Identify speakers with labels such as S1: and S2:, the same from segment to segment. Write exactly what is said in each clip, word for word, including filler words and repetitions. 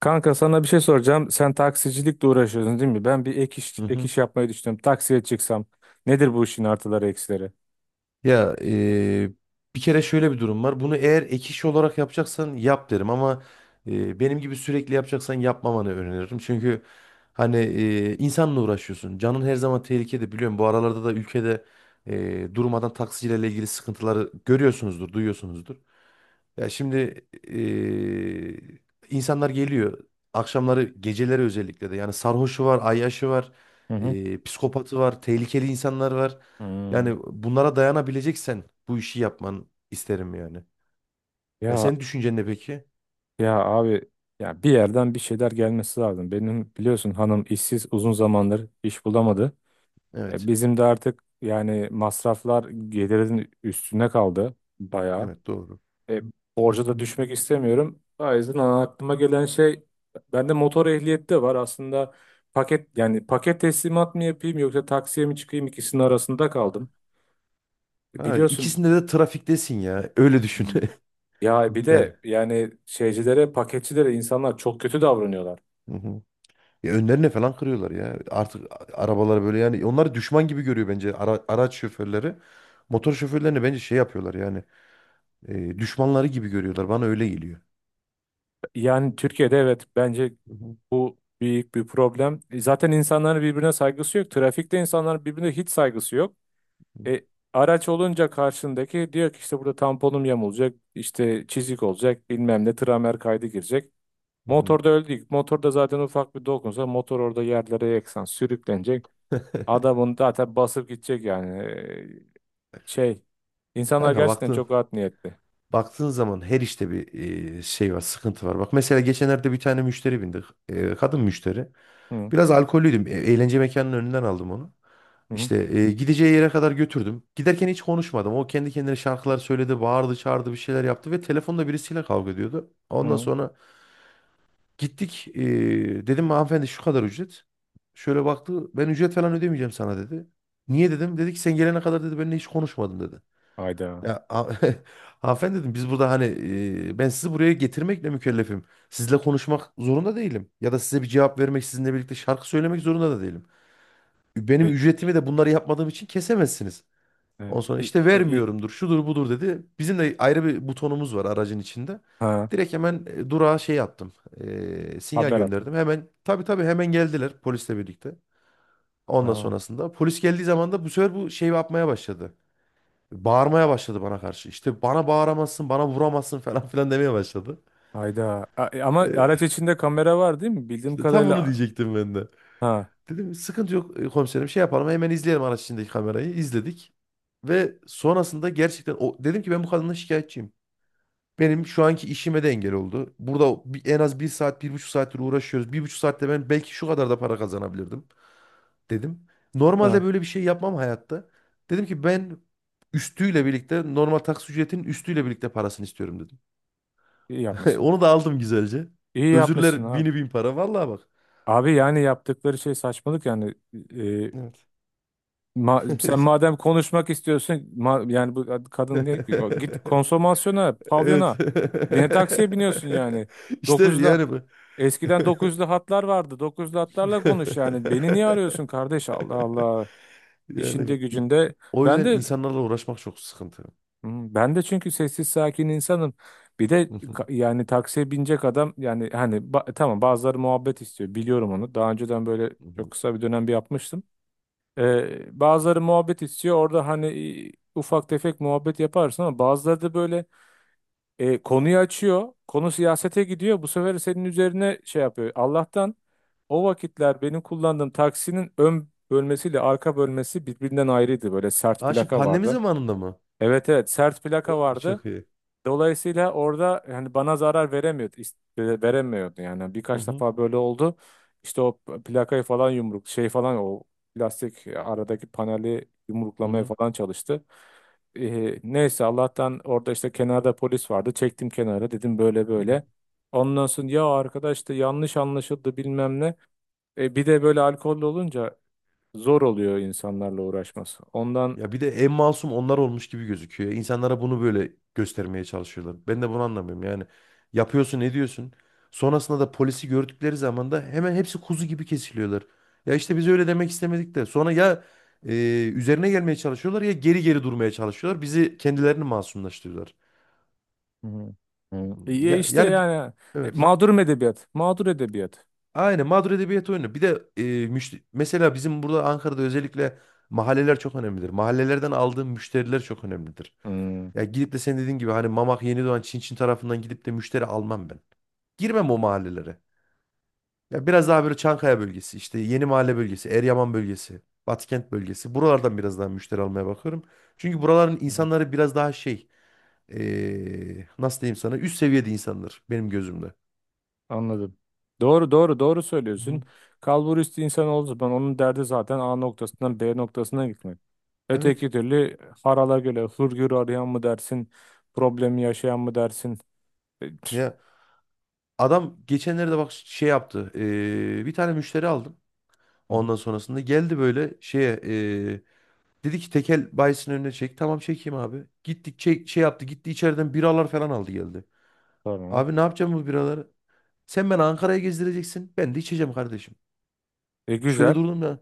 S1: Kanka sana bir şey soracağım. Sen taksicilikle uğraşıyorsun değil mi? Ben bir ek iş,
S2: Hı
S1: ek
S2: hı.
S1: iş yapmayı düşünüyorum. Taksiye çıksam nedir bu işin artıları eksileri?
S2: Ya eee, Bir kere şöyle bir durum var. Bunu eğer ek iş olarak yapacaksan yap derim ama eee, benim gibi sürekli yapacaksan yapmamanı öneririm. Çünkü hani eee, insanla uğraşıyorsun. Canın her zaman tehlikede biliyorum. Bu aralarda da ülkede eee durmadan taksicilerle ilgili sıkıntıları görüyorsunuzdur, duyuyorsunuzdur. Ya şimdi eee, insanlar geliyor. Akşamları, geceleri özellikle de. Yani sarhoşu var, ayyaşı var,
S1: Hı hı.
S2: eee, psikopatı var, tehlikeli insanlar var.
S1: Hmm.
S2: Yani bunlara dayanabileceksen bu işi yapman isterim yani. Ya
S1: Ya
S2: senin düşüncen ne peki?
S1: ya abi, ya bir yerden bir şeyler gelmesi lazım. Benim biliyorsun hanım işsiz, uzun zamandır iş bulamadı. E,
S2: Evet.
S1: bizim de artık yani masraflar gelirin üstüne kaldı bayağı.
S2: Evet, doğru.
S1: E, Borca da düşmek istemiyorum. O yüzden aklıma gelen şey, bende motor ehliyeti de var. Aslında paket, yani paket teslimat mı yapayım yoksa taksiye mi çıkayım, ikisinin arasında kaldım. E,
S2: Ha,
S1: Biliyorsun.
S2: ikisinde de trafiktesin ya. Öyle düşün.
S1: Hmm. Ya bir
S2: Yani.
S1: de yani şeycilere, paketçilere insanlar çok kötü davranıyorlar.
S2: Hı hı. Ya önlerine falan kırıyorlar ya. Artık a- arabaları böyle, yani onlar düşman gibi görüyor bence ara- araç şoförleri. Motor şoförlerini bence şey yapıyorlar yani. E, düşmanları gibi görüyorlar. Bana öyle geliyor.
S1: Yani Türkiye'de, evet, bence
S2: Hı hı,
S1: bu büyük bir problem. E, Zaten insanların birbirine saygısı yok. Trafikte insanların birbirine hiç saygısı yok. E, Araç olunca karşındaki diyor ki işte burada tamponum yamulacak, işte çizik olacak, bilmem ne tramer kaydı girecek.
S2: hı hı.
S1: Motorda öldü. Motorda zaten ufak bir dokunsa motor orada yerlere yeksan sürüklenecek. Adamın zaten basıp gidecek yani. E, şey, insanlar
S2: Kanka
S1: gerçekten
S2: baktığın
S1: çok art niyetli.
S2: baktığın zaman her işte bir e, şey var, sıkıntı var. Bak mesela geçenlerde bir tane müşteri bindik. E, kadın müşteri.
S1: Hı
S2: Biraz alkollüydüm. E, eğlence mekanının önünden aldım onu.
S1: hı
S2: İşte e, gideceği yere kadar götürdüm. Giderken hiç konuşmadım. O kendi kendine şarkılar söyledi, bağırdı, çağırdı, bir şeyler yaptı ve telefonda birisiyle kavga ediyordu. Ondan
S1: hı.
S2: sonra gittik, e, dedim hanımefendi şu kadar ücret. Şöyle baktı, ben ücret falan ödemeyeceğim sana dedi. Niye dedim. Dedi ki sen gelene kadar dedi benimle hiç konuşmadın dedi.
S1: Hayda.
S2: Ya ha- Hanımefendi dedim, biz burada hani e, ben sizi buraya getirmekle mükellefim. Sizle konuşmak zorunda değilim. Ya da size bir cevap vermek, sizinle birlikte şarkı söylemek zorunda da değilim. Benim
S1: E,
S2: ücretimi de bunları yapmadığım için kesemezsiniz.
S1: e,
S2: Ondan sonra
S1: e,
S2: işte
S1: e, e.
S2: vermiyorumdur, şudur budur dedi. Bizim de ayrı bir butonumuz var aracın içinde.
S1: Ha,
S2: Direkt hemen e, durağa şey yaptım. E, sinyal
S1: haber atın.
S2: gönderdim. Hemen tabii tabii hemen geldiler polisle birlikte. Ondan
S1: Ha,
S2: sonrasında polis geldiği zaman da bu sefer bu şey yapmaya başladı. Bağırmaya başladı bana karşı. İşte bana bağıramazsın, bana vuramazsın falan filan demeye başladı.
S1: hayda. A- e, ama
S2: E,
S1: araç içinde kamera var değil mi? Bildiğim
S2: işte tam onu
S1: kadarıyla.
S2: diyecektim ben de.
S1: Ha,
S2: Dedim sıkıntı yok, e, komiserim şey yapalım, hemen izleyelim araç içindeki kamerayı. İzledik. Ve sonrasında gerçekten o, dedim ki ben bu kadından şikayetçiyim. Benim şu anki işime de engel oldu. Burada bir- en az bir saat, bir buçuk saattir uğraşıyoruz. Bir buçuk saatte ben belki şu kadar da para kazanabilirdim dedim. Normalde
S1: ha.
S2: böyle bir şey yapmam hayatta. Dedim ki ben üstüyle birlikte normal taksi ücretinin üstüyle birlikte parasını istiyorum dedim.
S1: İyi yapmışsın.
S2: Onu da aldım güzelce.
S1: İyi yapmışsın
S2: Özürler
S1: abi.
S2: bini bin para. Vallahi bak.
S1: Abi yani yaptıkları şey saçmalık yani. E,
S2: Evet.
S1: ma- Sen madem konuşmak istiyorsun, ma- yani bu kad- kadın ne ki? "O, git konsomasyona,
S2: Evet.
S1: pavyona." Ne taksiye biniyorsun yani?
S2: İşte
S1: dokuzla.
S2: yani bu.
S1: Eskiden dokuzlu hatlar vardı. dokuzlu hatlarla konuş yani. Beni niye arıyorsun kardeş? Allah Allah. İşinde
S2: Yani i-
S1: gücünde.
S2: O
S1: Ben
S2: yüzden
S1: de
S2: insanlarla uğraşmak çok sıkıntı.
S1: Hmm. Ben de çünkü sessiz sakin insanım. Bir de
S2: Hı hı,
S1: ka- yani taksiye binecek adam, yani hani ba- tamam, bazıları muhabbet istiyor, biliyorum onu. Daha önceden böyle
S2: hı
S1: çok
S2: hı.
S1: kısa bir dönem bir yapmıştım. Ee, bazıları muhabbet istiyor orada, hani e, ufak tefek muhabbet yaparsın, ama bazıları da böyle e, konuyu açıyor. Konu siyasete gidiyor, bu sefer senin üzerine şey yapıyor. Allah'tan o vakitler benim kullandığım taksinin ön bölmesiyle arka bölmesi birbirinden ayrıydı. Böyle sert
S2: Ha, şu
S1: plaka
S2: pandemi
S1: vardı.
S2: zamanında mı?
S1: Evet, evet, sert plaka
S2: O
S1: vardı.
S2: çok iyi.
S1: Dolayısıyla orada yani bana zarar veremiyordu, is- e, veremiyordu yani.
S2: Hı
S1: Birkaç
S2: hı,
S1: defa böyle oldu. İşte o plakayı falan yumruk şey falan, o plastik aradaki paneli
S2: hı
S1: yumruklamaya
S2: hı,
S1: falan çalıştı. Ee, neyse Allah'tan orada işte kenarda polis vardı. Çektim kenara, dedim böyle
S2: hı hı.
S1: böyle. Ondan sonra ya arkadaş işte yanlış anlaşıldı, bilmem ne. E, bir de böyle alkollü olunca zor oluyor insanlarla uğraşması. Ondan.
S2: Ya bir de en masum onlar olmuş gibi gözüküyor. İnsanlara bunu böyle göstermeye çalışıyorlar. Ben de bunu anlamıyorum. Yani yapıyorsun, ediyorsun. Sonrasında da polisi gördükleri zaman da hemen hepsi kuzu gibi kesiliyorlar. Ya işte biz öyle demek istemedik de. Sonra ya e, üzerine gelmeye çalışıyorlar, ya geri geri durmaya çalışıyorlar. Bizi kendilerini masumlaştırıyorlar.
S1: Hı hı. E,
S2: Ya
S1: işte
S2: yani
S1: yani
S2: evet.
S1: mağdur edebiyat. Mağdur edebiyat.
S2: Aynen mağdur edebiyat oyunu. Bir de e, müşte- mesela bizim burada Ankara'da özellikle mahalleler çok önemlidir. Mahallelerden aldığım müşteriler çok önemlidir.
S1: Hı
S2: Ya gidip de sen dediğin gibi hani Mamak Yenidoğan Çin Çin tarafından gidip de müşteri almam ben. Girmem o mahallelere. Ya biraz daha böyle Çankaya bölgesi, işte Yeni Mahalle bölgesi, Eryaman bölgesi, Batıkent bölgesi. Buralardan biraz daha müşteri almaya bakıyorum. Çünkü buraların
S1: hı.
S2: insanları biraz daha şey, e, nasıl diyeyim sana, üst seviyede insanlar benim gözümde.
S1: Anladım. Doğru doğru doğru söylüyorsun.
S2: Hı.
S1: Kalburiüstü insan olduğu zaman onun derdi zaten A noktasından B noktasına gitmek.
S2: Evet.
S1: Öteki türlü harala göre hırgür arayan mı dersin, problemi yaşayan mı dersin? E,
S2: Ya adam geçenlerde bak şey yaptı. Eee, bir tane müşteri aldım.
S1: hı hı.
S2: Ondan sonrasında geldi böyle şeye, eee, dedi ki tekel bayisinin önüne çek. Tamam, çekeyim abi. Gittik, çek, şey yaptı. Gitti içeriden biralar falan aldı geldi.
S1: Tamam.
S2: Abi, ne yapacağım bu biraları? Sen beni Ankara'ya gezdireceksin. Ben de içeceğim kardeşim.
S1: E
S2: Şöyle
S1: güzel.
S2: durdum ya.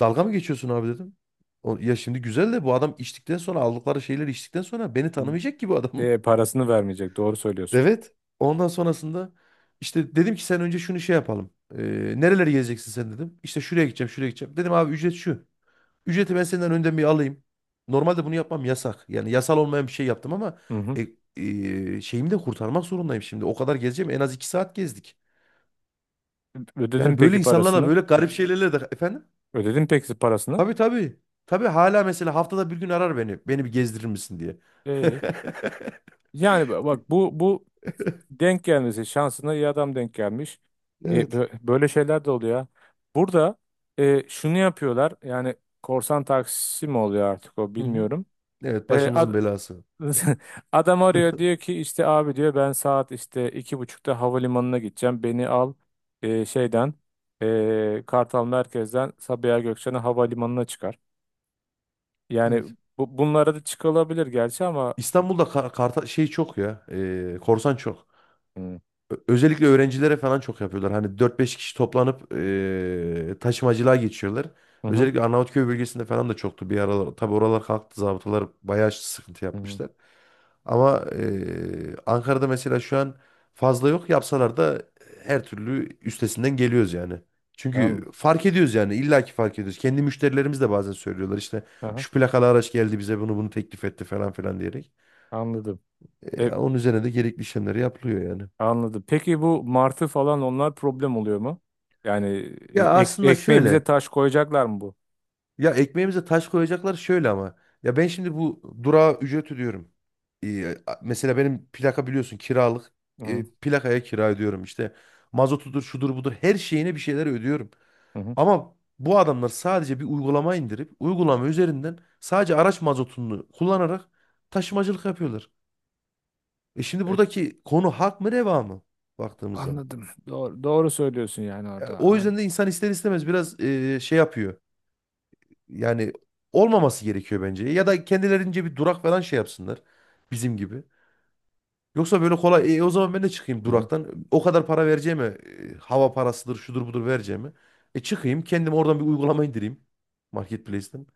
S2: Dalga mı geçiyorsun abi dedim. O, ya şimdi güzel de bu adam içtikten sonra, aldıkları şeyleri içtikten sonra beni tanımayacak ki bu adam.
S1: E, parasını vermeyecek. Doğru söylüyorsun.
S2: Evet. Ondan sonrasında işte dedim ki sen önce şunu şey yapalım. Ee, nereleri gezeceksin sen dedim. İşte şuraya gideceğim, şuraya gideceğim. Dedim abi ücret şu. Ücreti ben senden önden bir alayım. Normalde bunu yapmam, yasak. Yani yasal olmayan bir şey yaptım ama
S1: Hı hı.
S2: e, e, şeyimi de kurtarmak zorundayım şimdi. O kadar gezeceğim. En az iki saat gezdik.
S1: Ödedin
S2: Yani böyle
S1: peki
S2: insanlarla
S1: parasını?
S2: böyle garip şeylerle de efendim.
S1: Ödedin peki parasını?
S2: Tabii tabii. Tabii hala mesela haftada bir gün arar beni. Beni bir gezdirir misin diye.
S1: E, Yani bak, bu bu denk gelmesi şansına iyi adam denk gelmiş. E,
S2: Evet.
S1: bö- böyle şeyler de oluyor. Burada e, şunu yapıyorlar. Yani korsan taksisi mi oluyor artık, o
S2: Hı hı.
S1: bilmiyorum.
S2: Evet,
S1: E,
S2: başımızın
S1: ad-
S2: belası.
S1: Adam arıyor, diyor ki işte abi diyor ben saat işte iki buçukta havalimanına gideceğim. Beni al e, şeyden e, Kartal Merkez'den Sabiha Gökçen'e havalimanına çıkar. Yani
S2: Evet.
S1: bu, bunlara da çıkılabilir gerçi ama.
S2: İstanbul'da ka- karta şey çok ya. E, korsan çok.
S1: Hı
S2: Ö- Özellikle öğrencilere falan çok yapıyorlar. Hani dört beş kişi toplanıp e, taşımacılığa geçiyorlar.
S1: hı hı.
S2: Özellikle Arnavutköy bölgesinde falan da çoktu bir aralar. Tabii oralar kalktı. Zabıtalar bayağı sıkıntı
S1: Hı.
S2: yapmışlar. Ama e, Ankara'da mesela şu an fazla yok. Yapsalar da her türlü üstesinden geliyoruz yani. Çünkü
S1: Anladım.
S2: fark ediyoruz yani. İllaki fark ediyoruz. Kendi müşterilerimiz de bazen söylüyorlar işte
S1: Aha,
S2: şu plakalı araç geldi bize, bunu bunu teklif etti falan filan diyerek.
S1: anladım.
S2: Ya onun üzerine de gerekli işlemleri yapılıyor yani.
S1: Anladım. Peki bu martı falan, onlar problem oluyor mu? Yani e,
S2: Ya
S1: ek,
S2: aslında şöyle.
S1: ekmeğimize taş koyacaklar mı bu?
S2: Ya ekmeğimize taş koyacaklar şöyle ama. Ya ben şimdi bu durağa ücret ödüyorum. Ee, a- mesela benim plaka biliyorsun kiralık.
S1: Hı
S2: Ee, plakaya kira ödüyorum işte. Mazotudur, şudur budur. Her şeyine bir şeyler ödüyorum.
S1: hı. Hı.
S2: Ama bu adamlar sadece bir uygulama indirip uygulama üzerinden sadece araç mazotunu kullanarak taşımacılık yapıyorlar. E şimdi
S1: E,
S2: buradaki konu hak mı reva mı baktığımız zaman?
S1: Anladım. Doğru, doğru söylüyorsun yani
S2: Ya,
S1: orada.
S2: o
S1: Hani
S2: yüzden de insan ister istemez biraz e, şey yapıyor. Yani olmaması gerekiyor bence. Ya da kendilerince bir durak falan şey yapsınlar. Bizim gibi. Yoksa böyle kolay. "E, o zaman ben de çıkayım
S1: hı hı.
S2: duraktan. O kadar para vereceğime, e, hava parasıdır, şudur budur vereceğime. E çıkayım kendim, oradan bir uygulama indireyim. Marketplace'ten.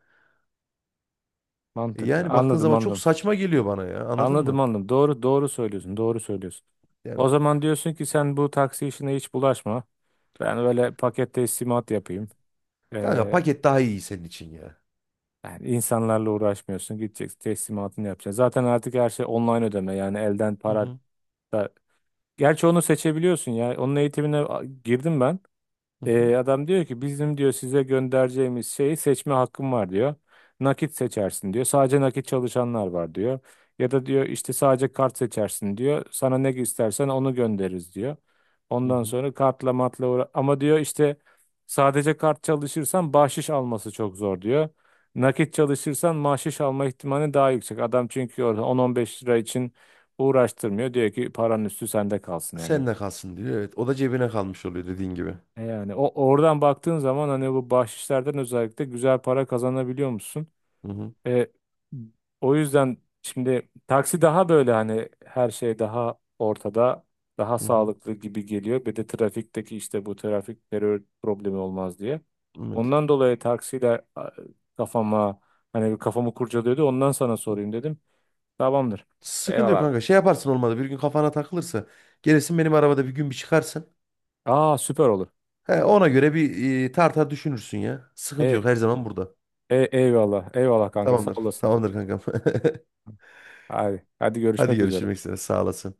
S2: E,
S1: Mantıklı.
S2: yani baktığın
S1: Anladım,
S2: zaman çok
S1: anladım.
S2: saçma geliyor bana ya. Anladın
S1: Anladım,
S2: mı?
S1: anladım. Doğru doğru söylüyorsun. Doğru söylüyorsun.
S2: Yani
S1: O
S2: o-
S1: zaman diyorsun ki sen bu taksi işine hiç bulaşma. Ben öyle paket teslimat yapayım.
S2: Kanka
S1: Ee,
S2: paket daha iyi senin için ya.
S1: Yani insanlarla uğraşmıyorsun. Gideceksin, teslimatını yapacaksın. Zaten artık her şey online ödeme. Yani elden
S2: Hı
S1: para
S2: hı,
S1: da. Gerçi onu seçebiliyorsun ya. Onun eğitimine a- girdim ben.
S2: hı hı,
S1: E, adam diyor ki bizim diyor size göndereceğimiz şeyi seçme hakkım var diyor. Nakit seçersin diyor. Sadece nakit çalışanlar var diyor. Ya da diyor işte sadece kart seçersin diyor. Sana ne istersen onu göndeririz diyor.
S2: hı
S1: Ondan
S2: hı.
S1: sonra kartla matla uğra- ama diyor işte sadece kart çalışırsan bahşiş alması çok zor diyor. Nakit çalışırsan bahşiş alma ihtimali daha yüksek. Adam çünkü orada on on beş lira için uğraştırmıyor. Diyor ki paranın üstü sende kalsın yani.
S2: Sen de kalsın diyor. Evet. O da cebine kalmış oluyor dediğin gibi.
S1: E yani o oradan baktığın zaman hani bu bahşişlerden özellikle güzel para kazanabiliyor musun?
S2: Hı hı.
S1: E, O yüzden şimdi taksi daha böyle, hani her şey daha ortada, daha
S2: Hı hı.
S1: sağlıklı gibi geliyor. Bir de trafikteki işte bu trafik terör problemi olmaz diye.
S2: Evet.
S1: Ondan dolayı taksiyle a, kafama hani bir, kafamı kurcalıyordu. Ondan sana sorayım dedim. Tamamdır.
S2: Sıkıntı
S1: Eyvallah
S2: yok
S1: abi.
S2: kanka. Şey yaparsın olmadı. Bir gün kafana takılırsa gelirsin, benim arabada bir gün bir çıkarsın.
S1: Aa süper olur.
S2: He, ona göre bir e, tartar düşünürsün ya. Sıkıntı yok.
S1: E,
S2: Her zaman burada.
S1: e, eyvallah. Eyvallah kanka, sağ
S2: Tamamdır.
S1: olasın.
S2: Tamamdır kankam.
S1: Hadi, hadi
S2: Hadi
S1: görüşmek üzere.
S2: görüşmek üzere. Sağ olasın.